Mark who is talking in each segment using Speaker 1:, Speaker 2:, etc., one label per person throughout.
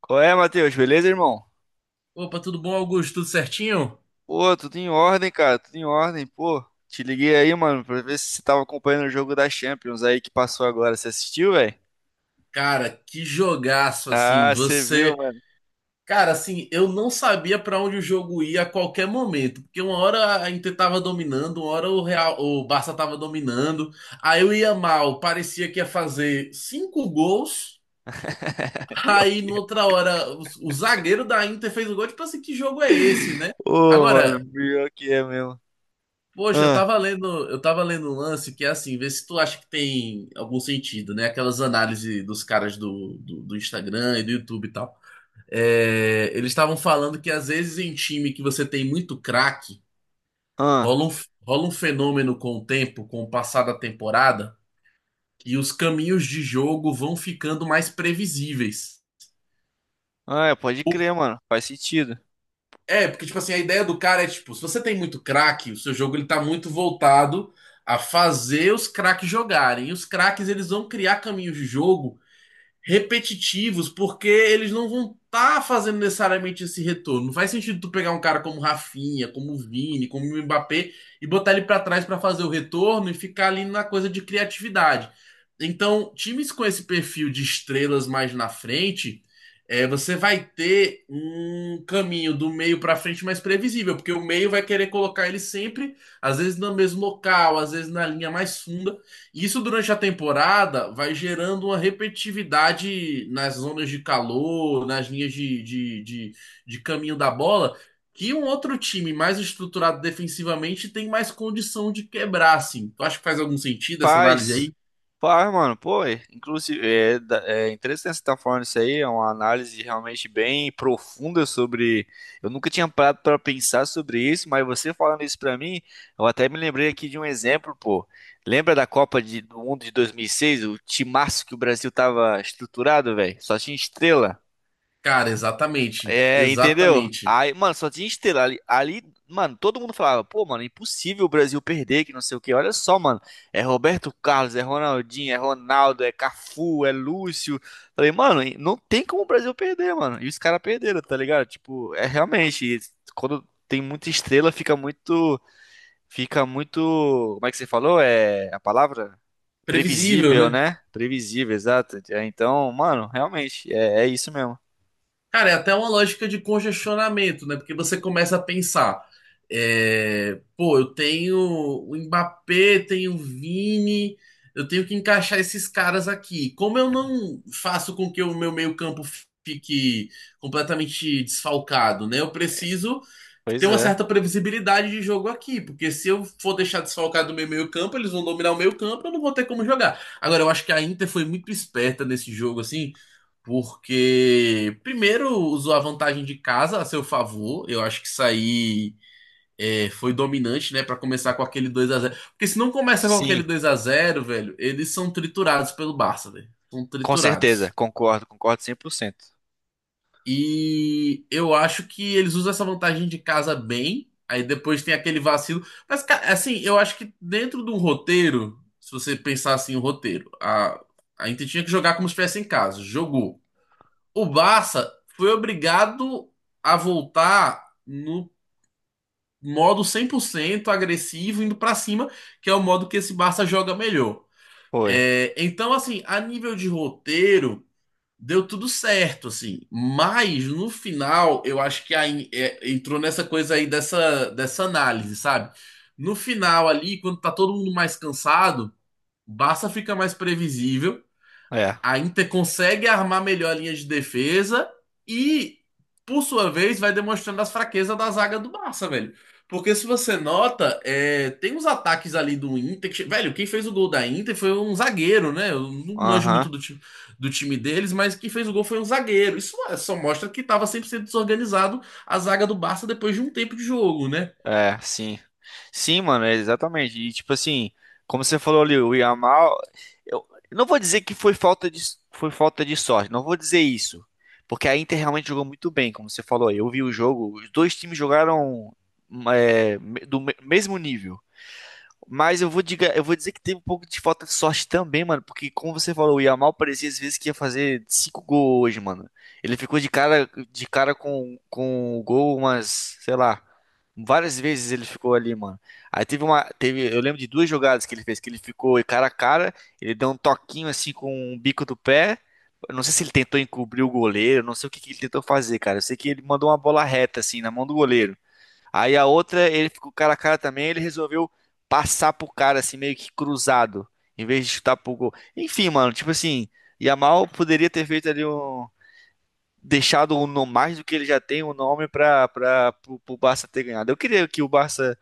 Speaker 1: Qual é, Matheus? Beleza, irmão?
Speaker 2: Opa, tudo bom, Augusto? Tudo certinho?
Speaker 1: Pô, tudo em ordem, cara, tudo em ordem. Pô, te liguei aí, mano, pra ver se você tava acompanhando o jogo da Champions aí que passou agora. Você assistiu, velho?
Speaker 2: Cara, que jogaço, assim,
Speaker 1: Ah, você viu,
Speaker 2: você.
Speaker 1: mano.
Speaker 2: Cara, assim, eu não sabia pra onde o jogo ia a qualquer momento, porque uma hora a Inter tava dominando, uma hora o Real, o Barça tava dominando, aí eu ia mal, parecia que ia fazer cinco gols,
Speaker 1: Pior
Speaker 2: aí
Speaker 1: que é.
Speaker 2: noutra hora o zagueiro da Inter fez o gol, tipo assim, que jogo é esse, né?
Speaker 1: Ô, mano,
Speaker 2: Agora.
Speaker 1: pior que é mesmo.
Speaker 2: Poxa, eu
Speaker 1: Ah,
Speaker 2: tava lendo, eu tava lendo um lance que é assim, vê se tu acha que tem algum sentido, né? Aquelas análises dos caras do Instagram e do YouTube e tal. É, eles estavam falando que às vezes em time que você tem muito craque,
Speaker 1: ah,
Speaker 2: rola um, rola um fenômeno com o tempo, com o passar da temporada, e os caminhos de jogo vão ficando mais previsíveis.
Speaker 1: ah, é, pode crer, mano. Faz sentido.
Speaker 2: É, porque, tipo assim, a ideia do cara é, tipo, se você tem muito craque, o seu jogo ele tá muito voltado a fazer os craques jogarem. E os craques, eles vão criar caminhos de jogo repetitivos, porque eles não vão estar tá fazendo necessariamente esse retorno. Não faz sentido tu pegar um cara como Rafinha, como Vini, como Mbappé e botar ele para trás para fazer o retorno e ficar ali na coisa de criatividade. Então, times com esse perfil de estrelas mais na frente, é, você vai ter um caminho do meio para frente mais previsível, porque o meio vai querer colocar ele sempre, às vezes no mesmo local, às vezes na linha mais funda. Isso durante a temporada vai gerando uma repetitividade nas zonas de calor, nas linhas de caminho da bola, que um outro time mais estruturado defensivamente tem mais condição de quebrar, assim. Tu acha que faz algum sentido essa análise
Speaker 1: Paz,
Speaker 2: aí?
Speaker 1: paz, mano, pô, é, inclusive, é, é interessante você estar falando isso aí, é uma análise realmente bem profunda sobre, eu nunca tinha parado para pensar sobre isso, mas você falando isso pra mim, eu até me lembrei aqui de um exemplo, pô, lembra da Copa do Mundo de 2006? O timaço que o Brasil tava estruturado, velho, só tinha estrela,
Speaker 2: Cara, exatamente.
Speaker 1: é, entendeu?
Speaker 2: Exatamente.
Speaker 1: Aí, mano, só tinha estrela ali, ali, mano, todo mundo falava, pô, mano, é impossível o Brasil perder, que não sei o quê. Olha só, mano, é Roberto Carlos, é Ronaldinho, é Ronaldo, é Cafu, é Lúcio. Falei, mano, não tem como o Brasil perder, mano. E os caras perderam, tá ligado? Tipo, é realmente, quando tem muita estrela, fica muito, como é que você falou? É a palavra?
Speaker 2: Previsível,
Speaker 1: Previsível,
Speaker 2: né?
Speaker 1: né? Previsível, exato. É, então, mano, realmente, é, é isso mesmo.
Speaker 2: Cara, é até uma lógica de congestionamento, né? Porque você começa a pensar, é, pô, eu tenho o Mbappé, tenho o Vini, eu tenho que encaixar esses caras aqui. Como eu não faço com que o meu meio-campo fique completamente desfalcado, né? Eu preciso ter
Speaker 1: Pois
Speaker 2: uma
Speaker 1: é.
Speaker 2: certa previsibilidade de jogo aqui, porque se eu for deixar desfalcado o meu meio-campo, eles vão dominar o meio-campo, eu não vou ter como jogar. Agora, eu acho que a Inter foi muito esperta nesse jogo, assim, porque, primeiro, usou a vantagem de casa a seu favor. Eu acho que isso aí é, foi dominante, né? Pra começar com aquele 2-0. Porque se não começa com aquele
Speaker 1: Sim,
Speaker 2: 2-0, velho, eles são triturados pelo Barça, velho. São
Speaker 1: com certeza,
Speaker 2: triturados.
Speaker 1: concordo, concordo 100%.
Speaker 2: E eu acho que eles usam essa vantagem de casa bem. Aí depois tem aquele vacilo. Mas, cara, assim, eu acho que dentro de um roteiro, se você pensar assim, o roteiro, a Inter tinha que jogar como se estivesse em casa. Jogou. O Barça foi obrigado a voltar no modo 100% agressivo, indo pra cima, que é o modo que esse Barça joga melhor.
Speaker 1: Foi.
Speaker 2: Então, assim, a nível de roteiro, deu tudo certo, assim. Mas, no final, eu acho que aí, é, entrou nessa coisa aí dessa análise, sabe? No final ali, quando tá todo mundo mais cansado, o Barça fica mais previsível,
Speaker 1: É.
Speaker 2: a Inter consegue armar melhor a linha de defesa e, por sua vez, vai demonstrando as fraquezas da zaga do Barça, velho. Porque se você nota, é, tem uns ataques ali do Inter. Que che- velho, quem fez o gol da Inter foi um zagueiro, né? Eu não manjo
Speaker 1: Aham.
Speaker 2: muito do time deles, mas quem fez o gol foi um zagueiro. Isso é, só mostra que tava 100% desorganizado a zaga do Barça depois de um tempo de jogo, né?
Speaker 1: É, sim. Sim, mano, é exatamente. E tipo assim, como você falou ali, o Yamal, eu não vou dizer que foi falta de sorte, não vou dizer isso. Porque a Inter realmente jogou muito bem, como você falou aí. Eu vi o jogo, os dois times jogaram é, mesmo nível. Mas eu vou dizer que teve um pouco de falta de sorte também, mano. Porque, como você falou, o Yamal parecia às vezes que ia fazer cinco gols hoje, mano. Ele ficou de cara com o gol umas, sei lá, várias vezes ele ficou ali, mano. Aí teve uma. Teve, eu lembro de duas jogadas que ele fez, que ele ficou cara a cara, ele deu um toquinho assim com o bico do pé. Eu não sei se ele tentou encobrir o goleiro, não sei o que que ele tentou fazer, cara. Eu sei que ele mandou uma bola reta, assim, na mão do goleiro. Aí a outra, ele ficou cara a cara também, ele resolveu passar pro cara, assim, meio que cruzado, em vez de chutar pro gol. Enfim, mano, tipo assim, Yamal poderia ter feito ali um. Deixado um no mais do que ele já tem, um nome pra, pro Barça ter ganhado. Eu queria que o Barça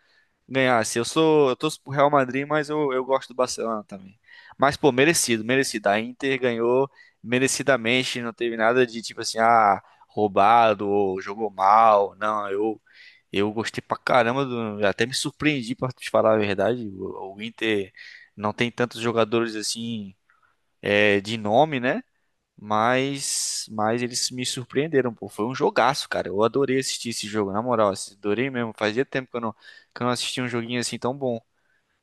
Speaker 1: ganhasse. Eu torço pro Real Madrid, mas eu gosto do Barcelona também. Mas, pô, merecido, merecido. A Inter ganhou merecidamente, não teve nada de tipo assim, ah, roubado ou jogou mal. Não, eu gostei pra caramba do, até me surpreendi pra te falar a verdade. O Inter não tem tantos jogadores assim é, de nome, né? Mas, eles me surpreenderam, pô. Foi um jogaço, cara. Eu adorei assistir esse jogo, na moral. Assim, adorei mesmo. Fazia tempo que eu não assistia um joguinho assim tão bom.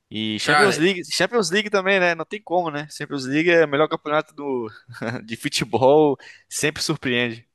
Speaker 1: E
Speaker 2: Cara,
Speaker 1: Champions League, Champions League também, né? Não tem como, né? Champions League é o melhor campeonato do, de futebol, sempre surpreende.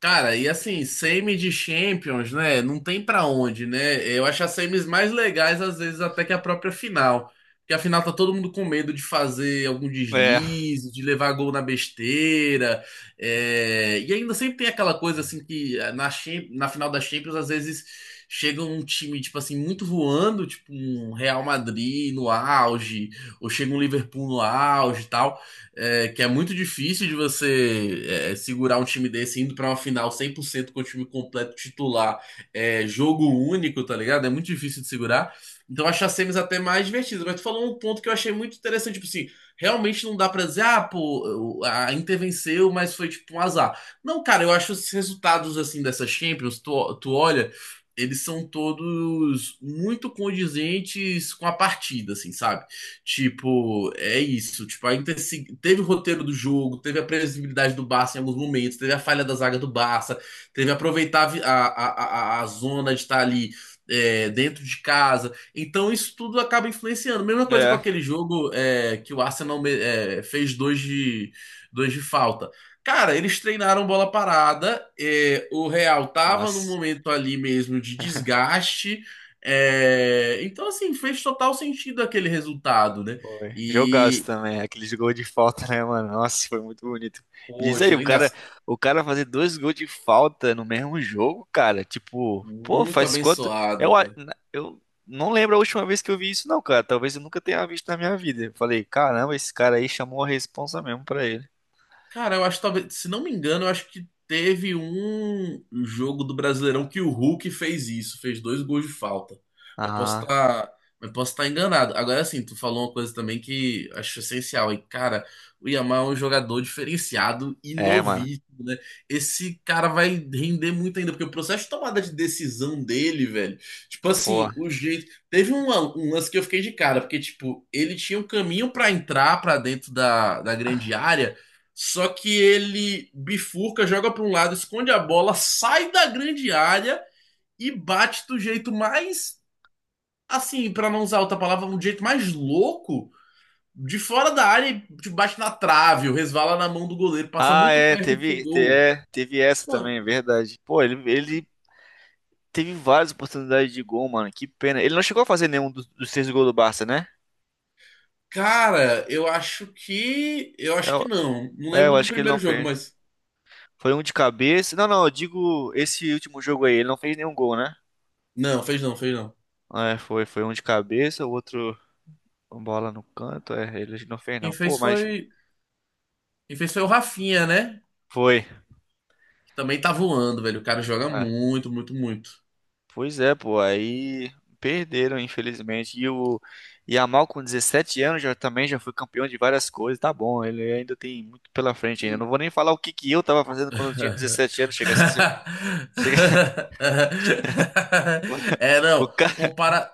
Speaker 2: Cara, e assim, semi de Champions, né? Não tem pra onde, né? Eu acho as semis mais legais, às vezes, até que a própria final. Porque a final tá todo mundo com medo de fazer algum
Speaker 1: É,
Speaker 2: deslize, de levar gol na besteira. E ainda sempre tem aquela coisa, assim, que na final da Champions, às vezes, chega um time, tipo assim, muito voando, tipo um Real Madrid no auge, ou chega um Liverpool no auge e tal, é, que é muito difícil de você segurar um time desse indo pra uma final 100% com o time completo titular, é, jogo único, tá ligado? É muito difícil de segurar. Então eu acho as semis até mais divertidas. Mas tu falou um ponto que eu achei muito interessante, tipo assim, realmente não dá pra dizer, ah, pô, a Inter venceu, mas foi tipo um azar. Não, cara, eu acho os resultados assim dessas Champions, tu, tu olha, eles são todos muito condizentes com a partida, assim, sabe? Tipo, é isso. Tipo, ainda se- teve o roteiro do jogo, teve a previsibilidade do Barça em alguns momentos, teve a falha da zaga do Barça, teve aproveitar a, vi- a zona de estar ali, é, dentro de casa. Então, isso tudo acaba influenciando. Mesma coisa com
Speaker 1: é.
Speaker 2: aquele jogo, é, que o Arsenal fez dois de falta. Cara, eles treinaram bola parada, é, o Real tava num
Speaker 1: Nossa.
Speaker 2: momento ali mesmo de desgaste. É, então, assim, fez total sentido aquele resultado, né?
Speaker 1: Foi. Jogaço
Speaker 2: E,
Speaker 1: também, aqueles gols de falta, né, mano? Nossa, foi muito bonito. E diz aí,
Speaker 2: poxa, linda,
Speaker 1: o cara fazer dois gols de falta no mesmo jogo, cara, tipo, pô,
Speaker 2: muito
Speaker 1: faz quanto?
Speaker 2: abençoado,
Speaker 1: Eu,
Speaker 2: velho.
Speaker 1: eu não lembro a última vez que eu vi isso, não, cara. Talvez eu nunca tenha visto na minha vida. Eu falei, caramba, esse cara aí chamou a responsa mesmo pra ele.
Speaker 2: Cara, eu acho que, talvez, se não me engano, eu acho que teve um jogo do Brasileirão que o Hulk fez isso, fez dois gols de falta. Mas posso
Speaker 1: Ah,
Speaker 2: estar, mas posso estar enganado. Agora sim, tu falou uma coisa também que acho essencial. E cara, o Yamal é um jogador diferenciado e
Speaker 1: é, mano.
Speaker 2: novíssimo, né? Esse cara vai render muito ainda, porque o processo de tomada de decisão dele, velho, tipo
Speaker 1: Pô.
Speaker 2: assim, o jeito Teve um, lan- um lance que eu fiquei de cara, porque, tipo, ele tinha um caminho pra entrar pra dentro da, da grande área, só que ele bifurca, joga para um lado, esconde a bola, sai da grande área e bate do jeito mais, assim, para não usar outra palavra, um jeito mais louco, de fora da área e tipo, bate na trave, ou resvala na mão do goleiro, passa
Speaker 1: Ah,
Speaker 2: muito
Speaker 1: é,
Speaker 2: perto do seu
Speaker 1: teve,
Speaker 2: gol.
Speaker 1: teve essa
Speaker 2: Pô,
Speaker 1: também, é verdade. Pô, ele teve várias oportunidades de gol, mano. Que pena. Ele não chegou a fazer nenhum dos, seis gols do Barça, né?
Speaker 2: cara, eu
Speaker 1: É,
Speaker 2: acho que não. Não
Speaker 1: é, eu
Speaker 2: lembro do
Speaker 1: acho que ele não
Speaker 2: primeiro jogo,
Speaker 1: fez.
Speaker 2: mas
Speaker 1: Foi um de cabeça. Não, não, eu digo esse último jogo aí, ele não fez nenhum gol, né?
Speaker 2: não, fez não, fez não.
Speaker 1: É, foi, um de cabeça, o outro uma bola no canto, é, ele não fez
Speaker 2: Quem
Speaker 1: não. Pô,
Speaker 2: fez
Speaker 1: mas
Speaker 2: foi, quem fez foi o Rafinha, né?
Speaker 1: foi.
Speaker 2: Que também tá voando, velho. O cara joga
Speaker 1: É.
Speaker 2: muito, muito, muito.
Speaker 1: Pois é, pô, aí perderam, infelizmente. E o Yamal com 17 anos já também já foi campeão de várias coisas, tá bom, ele ainda tem muito pela frente ainda. Não vou nem falar o que que eu tava fazendo quando eu tinha 17 anos, chega a ser... Chega...
Speaker 2: É,
Speaker 1: O
Speaker 2: não, compara,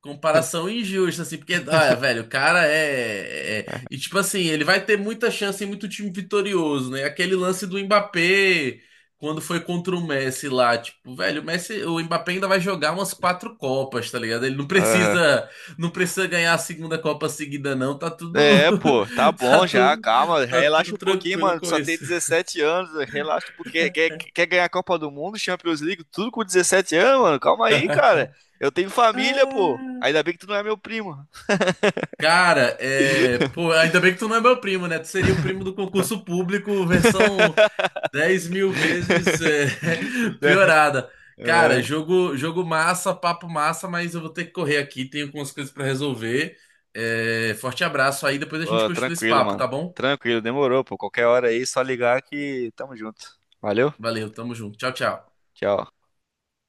Speaker 2: comparação injusta, assim, porque, olha, velho, o cara e, tipo assim, ele vai ter muita chance e muito time vitorioso, né? Aquele lance do Mbappé, quando foi contra o Messi lá, tipo, velho, o Messi, o Mbappé ainda vai jogar umas quatro Copas, tá ligado? Ele não
Speaker 1: cara...
Speaker 2: precisa, não precisa ganhar a segunda Copa seguida, não, tá tudo,
Speaker 1: É, pô, tá
Speaker 2: tá
Speaker 1: bom já,
Speaker 2: tudo,
Speaker 1: calma,
Speaker 2: tá tudo
Speaker 1: relaxa um pouquinho,
Speaker 2: tranquilo
Speaker 1: mano.
Speaker 2: com
Speaker 1: Só tem
Speaker 2: isso.
Speaker 1: 17 anos, relaxa um pouquinho. Quer ganhar a Copa do Mundo, Champions League, tudo com 17 anos, mano. Calma aí, cara. Eu tenho família, pô. Ainda bem que tu não é meu primo.
Speaker 2: Cara, é. Pô, ainda bem que tu não é meu primo, né? Tu seria o primo do concurso público, versão 10.000 vezes
Speaker 1: Né?
Speaker 2: piorada. Cara,
Speaker 1: É.
Speaker 2: jogo massa, papo massa, mas eu vou ter que correr aqui, tenho algumas coisas pra resolver. Forte abraço aí, depois a gente
Speaker 1: Ó,
Speaker 2: continua esse
Speaker 1: tranquilo,
Speaker 2: papo,
Speaker 1: mano.
Speaker 2: tá bom?
Speaker 1: Tranquilo, demorou, pô. Qualquer hora aí, só ligar que tamo junto. Valeu,
Speaker 2: Valeu, tamo junto. Tchau, tchau.
Speaker 1: tchau.